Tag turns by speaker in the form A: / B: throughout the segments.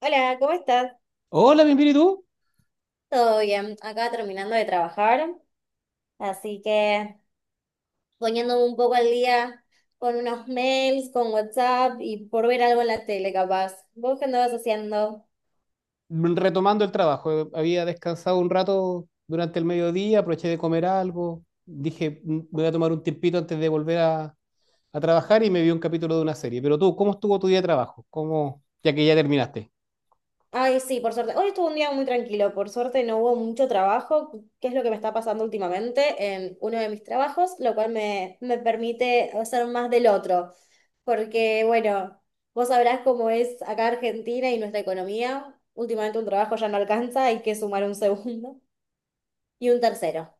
A: Hola, ¿cómo estás?
B: Hola, bien, bien, ¿y tú?
A: Todo bien, acá terminando de trabajar, así que poniéndome un poco al día con unos mails, con WhatsApp y por ver algo en la tele, capaz. ¿Vos qué andabas haciendo?
B: Retomando el trabajo. Había descansado un rato durante el mediodía, aproveché de comer algo. Dije, voy a tomar un tiempito antes de a trabajar y me vi un capítulo de una serie." Pero tú, ¿cómo estuvo tu día de trabajo? ¿Cómo, ya que ya terminaste?
A: Ay, sí, por suerte. Hoy estuvo un día muy tranquilo, por suerte no hubo mucho trabajo, que es lo que me está pasando últimamente en uno de mis trabajos, lo cual me permite hacer más del otro, porque bueno, vos sabrás cómo es acá Argentina y nuestra economía. Últimamente un trabajo ya no alcanza, hay que sumar un segundo y un tercero.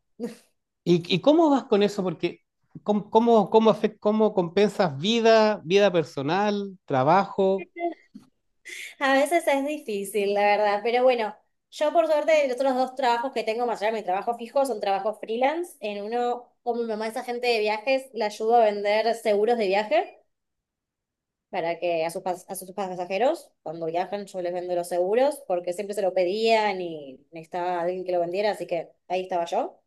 B: ¿Y cómo vas con eso? Porque, ¿cómo compensas vida personal, trabajo?
A: A veces es difícil, la verdad, pero bueno, yo por suerte los otros dos trabajos que tengo más allá de mi trabajo fijo son trabajos freelance. En uno, como mi mamá es agente de viajes, le ayudo a vender seguros de viaje para que a sus pasajeros, cuando viajan, yo les vendo los seguros porque siempre se lo pedían y necesitaba alguien que lo vendiera, así que ahí estaba yo,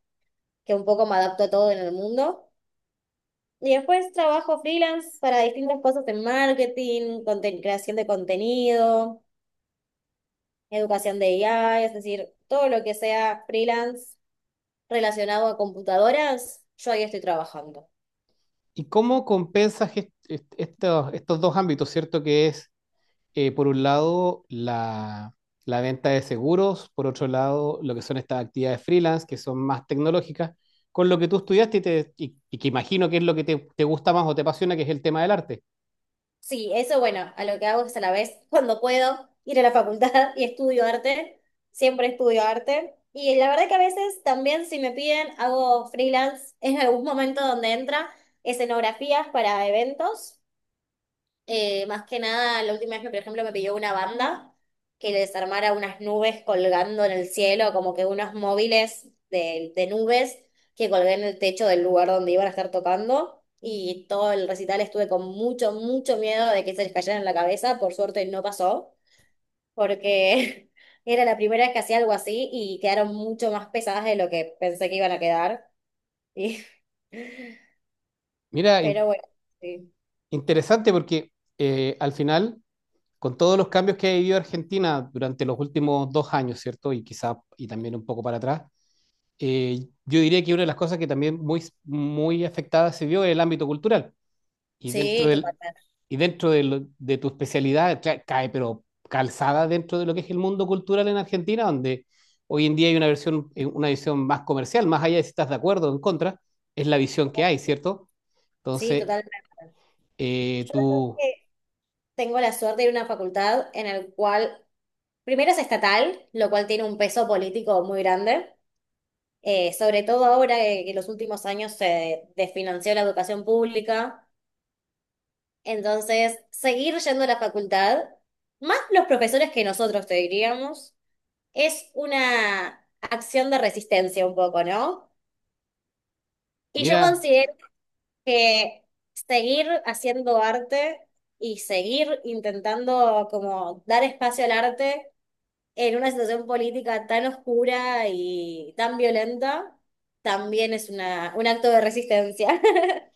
A: que un poco me adapto a todo en el mundo. Y después trabajo freelance para distintas cosas en marketing, creación de contenido. Educación de IA, es decir, todo lo que sea freelance relacionado a computadoras, yo ahí estoy trabajando.
B: ¿Y cómo compensas estos dos ámbitos, cierto? Que es por un lado, la venta de seguros, por otro lado, lo que son estas actividades freelance, que son más tecnológicas, con lo que tú estudiaste y que imagino que es lo que te gusta más o te apasiona, que es el tema del arte.
A: Sí, eso bueno, a lo que hago es a la vez, cuando puedo, ir a la facultad y estudio arte, siempre estudio arte. Y la verdad que a veces también si me piden, hago freelance en algún momento donde entra escenografías para eventos. Más que nada, la última vez que, por ejemplo, me pidió una banda que le desarmara unas nubes colgando en el cielo, como que unos móviles de nubes que colgué en el techo del lugar donde iban a estar tocando. Y todo el recital estuve con mucho, mucho miedo de que se les cayera en la cabeza. Por suerte no pasó, porque era la primera vez que hacía algo así y quedaron mucho más pesadas de lo que pensé que iban a quedar. Y-
B: Mira,
A: pero
B: in-
A: bueno, sí.
B: Interesante porque al final, con todos los cambios que ha vivido Argentina durante los últimos 2 años, ¿cierto? Y quizá, y también un poco para atrás, eh, yo diría que una de las cosas que también muy, muy afectada se vio es el ámbito cultural. Y dentro
A: Sí,
B: del,
A: totalmente.
B: y dentro de, de tu especialidad cae, pero calzada dentro de lo que es el mundo cultural en Argentina, donde hoy en día hay una versión, una visión más comercial, más allá de si estás de acuerdo o en contra, es la visión que hay, ¿cierto?
A: Sí,
B: Entonces,
A: totalmente.
B: eh, tú,
A: Tengo la suerte de ir a una facultad en el cual, primero es estatal, lo cual tiene un peso político muy grande, sobre todo ahora que en los últimos años se desfinanció la educación pública. Entonces, seguir yendo a la facultad, más los profesores que nosotros te diríamos, es una acción de resistencia un poco, ¿no? Y yo
B: mira,
A: considero que seguir haciendo arte y seguir intentando como dar espacio al arte en una situación política tan oscura y tan violenta, también es una, un acto de resistencia.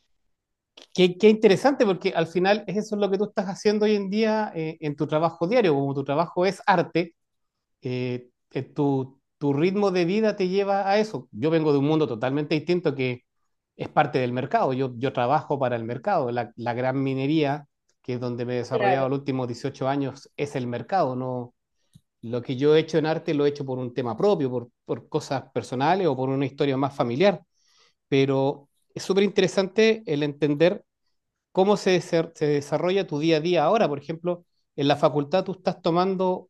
B: qué, qué interesante, porque al final eso es lo que tú estás haciendo hoy en día, en tu trabajo diario, como tu trabajo es arte. Tu ritmo de vida te lleva a eso. Yo vengo de un mundo totalmente distinto que es parte del mercado. Yo trabajo para el mercado. La gran minería, que es donde me he desarrollado
A: Claro.
B: los últimos 18 años, es el mercado. No, lo que yo he hecho en arte lo he hecho por un tema propio, por cosas personales o por una historia más familiar. Pero es súper interesante el entender cómo se desarrolla tu día a día ahora. Por ejemplo, en la facultad tú estás tomando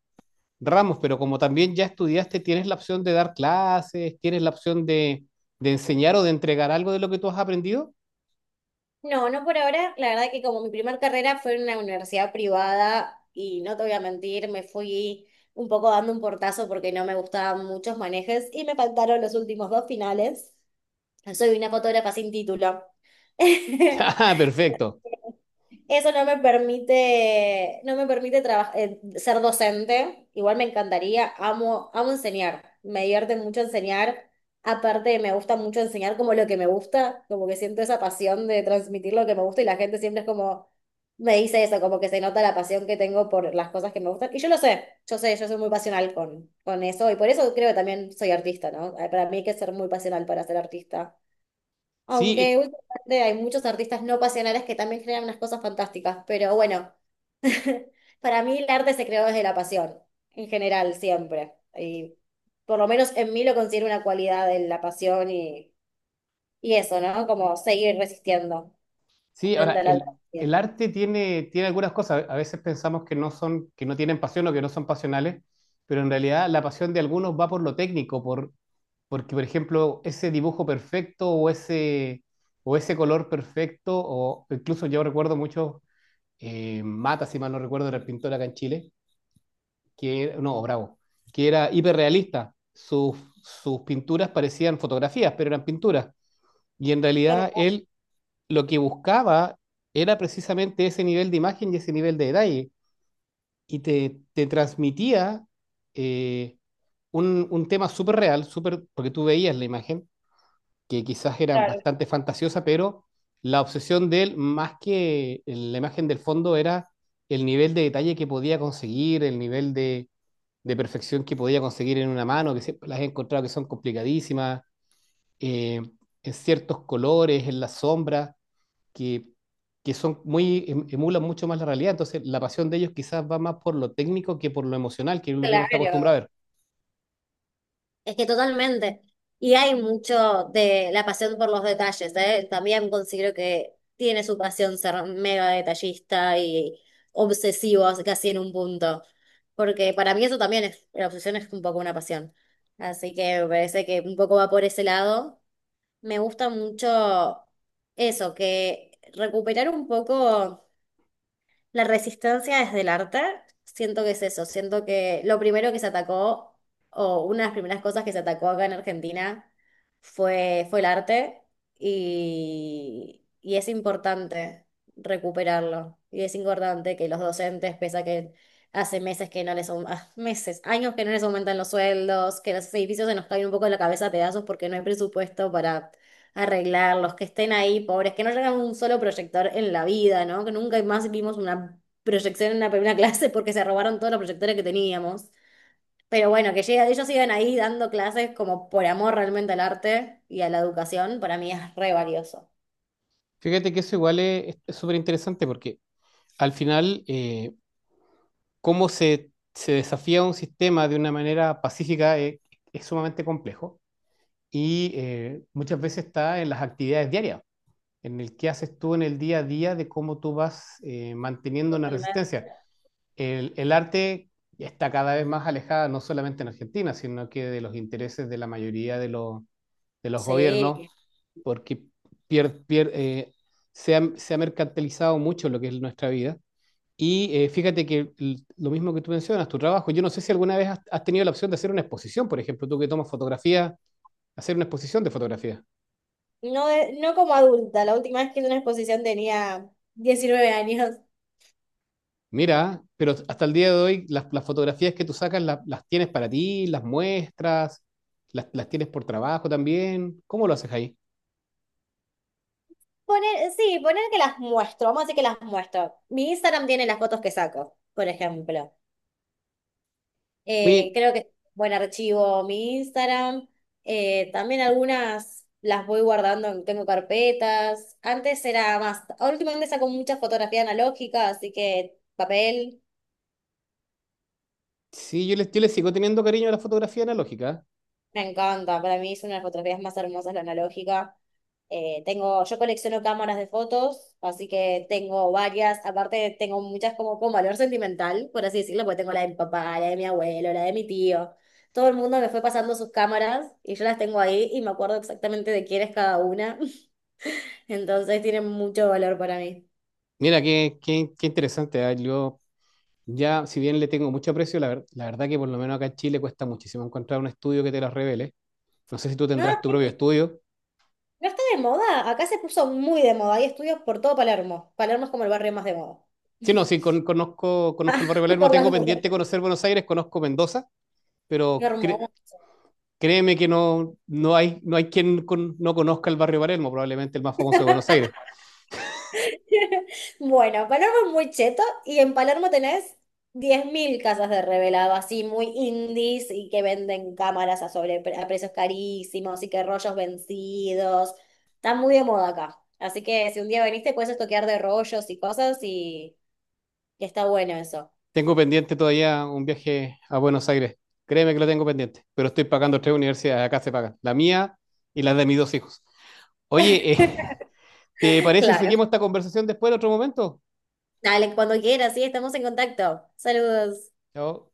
B: ramos, pero como también ya estudiaste, tienes la opción de dar clases, tienes la opción de enseñar o de entregar algo de lo que tú has aprendido.
A: No, no por ahora. La verdad que como mi primer carrera fue en una universidad privada y no te voy a mentir, me fui un poco dando un portazo porque no me gustaban muchos manejes y me faltaron los últimos dos finales. Soy una fotógrafa sin título.
B: Ah, perfecto.
A: Eso no me permite, no me permite ser docente. Igual me encantaría, amo, amo enseñar. Me divierte mucho enseñar. Aparte, me gusta mucho enseñar como lo que me gusta, como que siento esa pasión de transmitir lo que me gusta y la gente siempre es como, me dice eso, como que se nota la pasión que tengo por las cosas que me gustan. Y yo lo sé, yo soy muy pasional con eso y por eso creo que también soy artista, ¿no? Para mí hay que ser muy pasional para ser artista. Aunque
B: Sí,
A: últimamente hay muchos artistas no pasionales que también crean unas cosas fantásticas, pero bueno, para mí el arte se creó desde la pasión, en general, siempre. Y por lo menos en mí lo considero una cualidad de la pasión y eso, ¿no? Como seguir resistiendo
B: sí,
A: frente
B: ahora
A: a la adversidad.
B: el arte tiene algunas cosas. A veces pensamos que no son, que no tienen pasión o que no son pasionales, pero en realidad la pasión de algunos va por lo técnico, porque, por ejemplo, ese dibujo perfecto o ese color perfecto, o incluso yo recuerdo mucho, Mata, si mal no recuerdo, era el pintor acá en Chile, que, no, Bravo, que era hiperrealista. Sus pinturas parecían fotografías, pero eran pinturas. Y en realidad
A: Claro,
B: él lo que buscaba era precisamente ese nivel de imagen y ese nivel de detalle. Te transmitía eh, un tema súper real, súper, porque tú veías la imagen, que quizás era
A: claro.
B: bastante fantasiosa, pero la obsesión de él, más que la imagen del fondo, era el nivel de detalle que podía conseguir, el nivel de perfección que podía conseguir en una mano, que siempre las he encontrado que son complicadísimas, eh, en ciertos colores, en las sombras, que, que son muy, emulan mucho más la realidad. Entonces, la pasión de ellos quizás va más por lo técnico que por lo emocional, que es lo que uno está acostumbrado a
A: Claro.
B: ver.
A: Es que totalmente. Y hay mucho de la pasión por los detalles, ¿eh? También considero que tiene su pasión ser mega detallista y obsesivo casi en un punto. Porque para mí eso también es, la obsesión es un poco una pasión. Así que me parece que un poco va por ese lado. Me gusta mucho eso, que recuperar un poco. La resistencia desde el arte, siento que es eso, siento que lo primero que se atacó, o una de las primeras cosas que se atacó acá en Argentina, fue el arte y es importante recuperarlo. Y es importante que los docentes, pese a que hace meses que no les, aum- ah, meses, años que no les aumentan los sueldos, que los edificios se nos caen un poco de la cabeza a pedazos porque no hay presupuesto para arreglar, los que estén ahí, pobres, que no llegan un solo proyector en la vida, ¿no? Que nunca más vimos una proyección en una primera clase porque se robaron todos los proyectores que teníamos. Pero bueno, que llega, ellos sigan ahí dando clases como por amor realmente al arte y a la educación, para mí es re valioso.
B: Fíjate que eso igual es súper interesante porque al final, cómo se desafía un sistema de una manera pacífica es sumamente complejo y, muchas veces está en las actividades diarias, en el que haces tú en el día a día de cómo tú vas manteniendo una
A: Totalmente.
B: resistencia. El arte está cada vez más alejada, no solamente en Argentina, sino que de los intereses de la mayoría de los gobiernos,
A: Sí.
B: porque pier- pier- eh, se ha mercantilizado mucho lo que es nuestra vida y, fíjate que lo mismo que tú mencionas, tu trabajo, yo no sé si alguna vez has tenido la opción de hacer una exposición, por ejemplo, tú que tomas fotografía, hacer una exposición de fotografía.
A: No, no como adulta, la última vez que hice una exposición tenía 19 años.
B: Mira, pero hasta el día de hoy las fotografías que tú sacas las tienes para ti, las muestras, las tienes por trabajo también. ¿Cómo lo haces ahí?
A: Poner, sí, poner que las muestro, vamos a decir que las muestro. Mi Instagram tiene las fotos que saco, por ejemplo.
B: Oye,
A: Creo que es buen archivo mi Instagram. También algunas las voy guardando, tengo carpetas. Antes era más, ahora últimamente saco muchas fotografías analógicas, así que papel
B: sí, yo les, yo le sigo teniendo cariño a la fotografía analógica.
A: me encanta. Para mí son las fotografías más hermosas la analógica. Tengo, yo colecciono cámaras de fotos, así que tengo varias, aparte tengo muchas como con valor sentimental, por así decirlo, porque tengo la de mi papá, la de mi abuelo, la de mi tío. Todo el mundo me fue pasando sus cámaras y yo las tengo ahí y me acuerdo exactamente de quién es cada una, entonces tienen mucho valor para mí.
B: Mira, qué, qué, qué interesante, ¿eh? Yo ya, si bien le tengo mucho aprecio, la, la verdad que por lo menos acá en Chile cuesta muchísimo encontrar un estudio que te las revele. No sé si tú
A: No,
B: tendrás tu
A: sí,
B: propio estudio.
A: no está de moda, acá se puso muy de moda, hay estudios por todo Palermo. Palermo es como el barrio más de moda.
B: Sí, no, sí, conozco, conozco el barrio de Palermo,
A: Por
B: tengo
A: las dudas.
B: pendiente conocer Buenos Aires, conozco Mendoza,
A: Qué
B: pero
A: hermoso.
B: créeme que no, no hay, no hay quien no conozca el barrio de Palermo, probablemente el más famoso de Buenos Aires.
A: Bueno, Palermo es muy cheto y en Palermo tenés 10.000 casas de revelado, así muy indies y que venden cámaras a, sobre, a precios carísimos y que rollos vencidos. Está muy de moda acá. Así que si un día veniste, puedes estoquear de rollos y cosas y está bueno eso.
B: Tengo pendiente todavía un viaje a Buenos Aires, créeme que lo tengo pendiente, pero estoy pagando 3 universidades, acá se pagan, la mía y la de mis 2 hijos. Oye, ¿te parece si
A: Claro.
B: seguimos esta conversación después en otro momento?
A: Dale, cuando quieras, sí, estamos en contacto. Saludos.
B: Chao.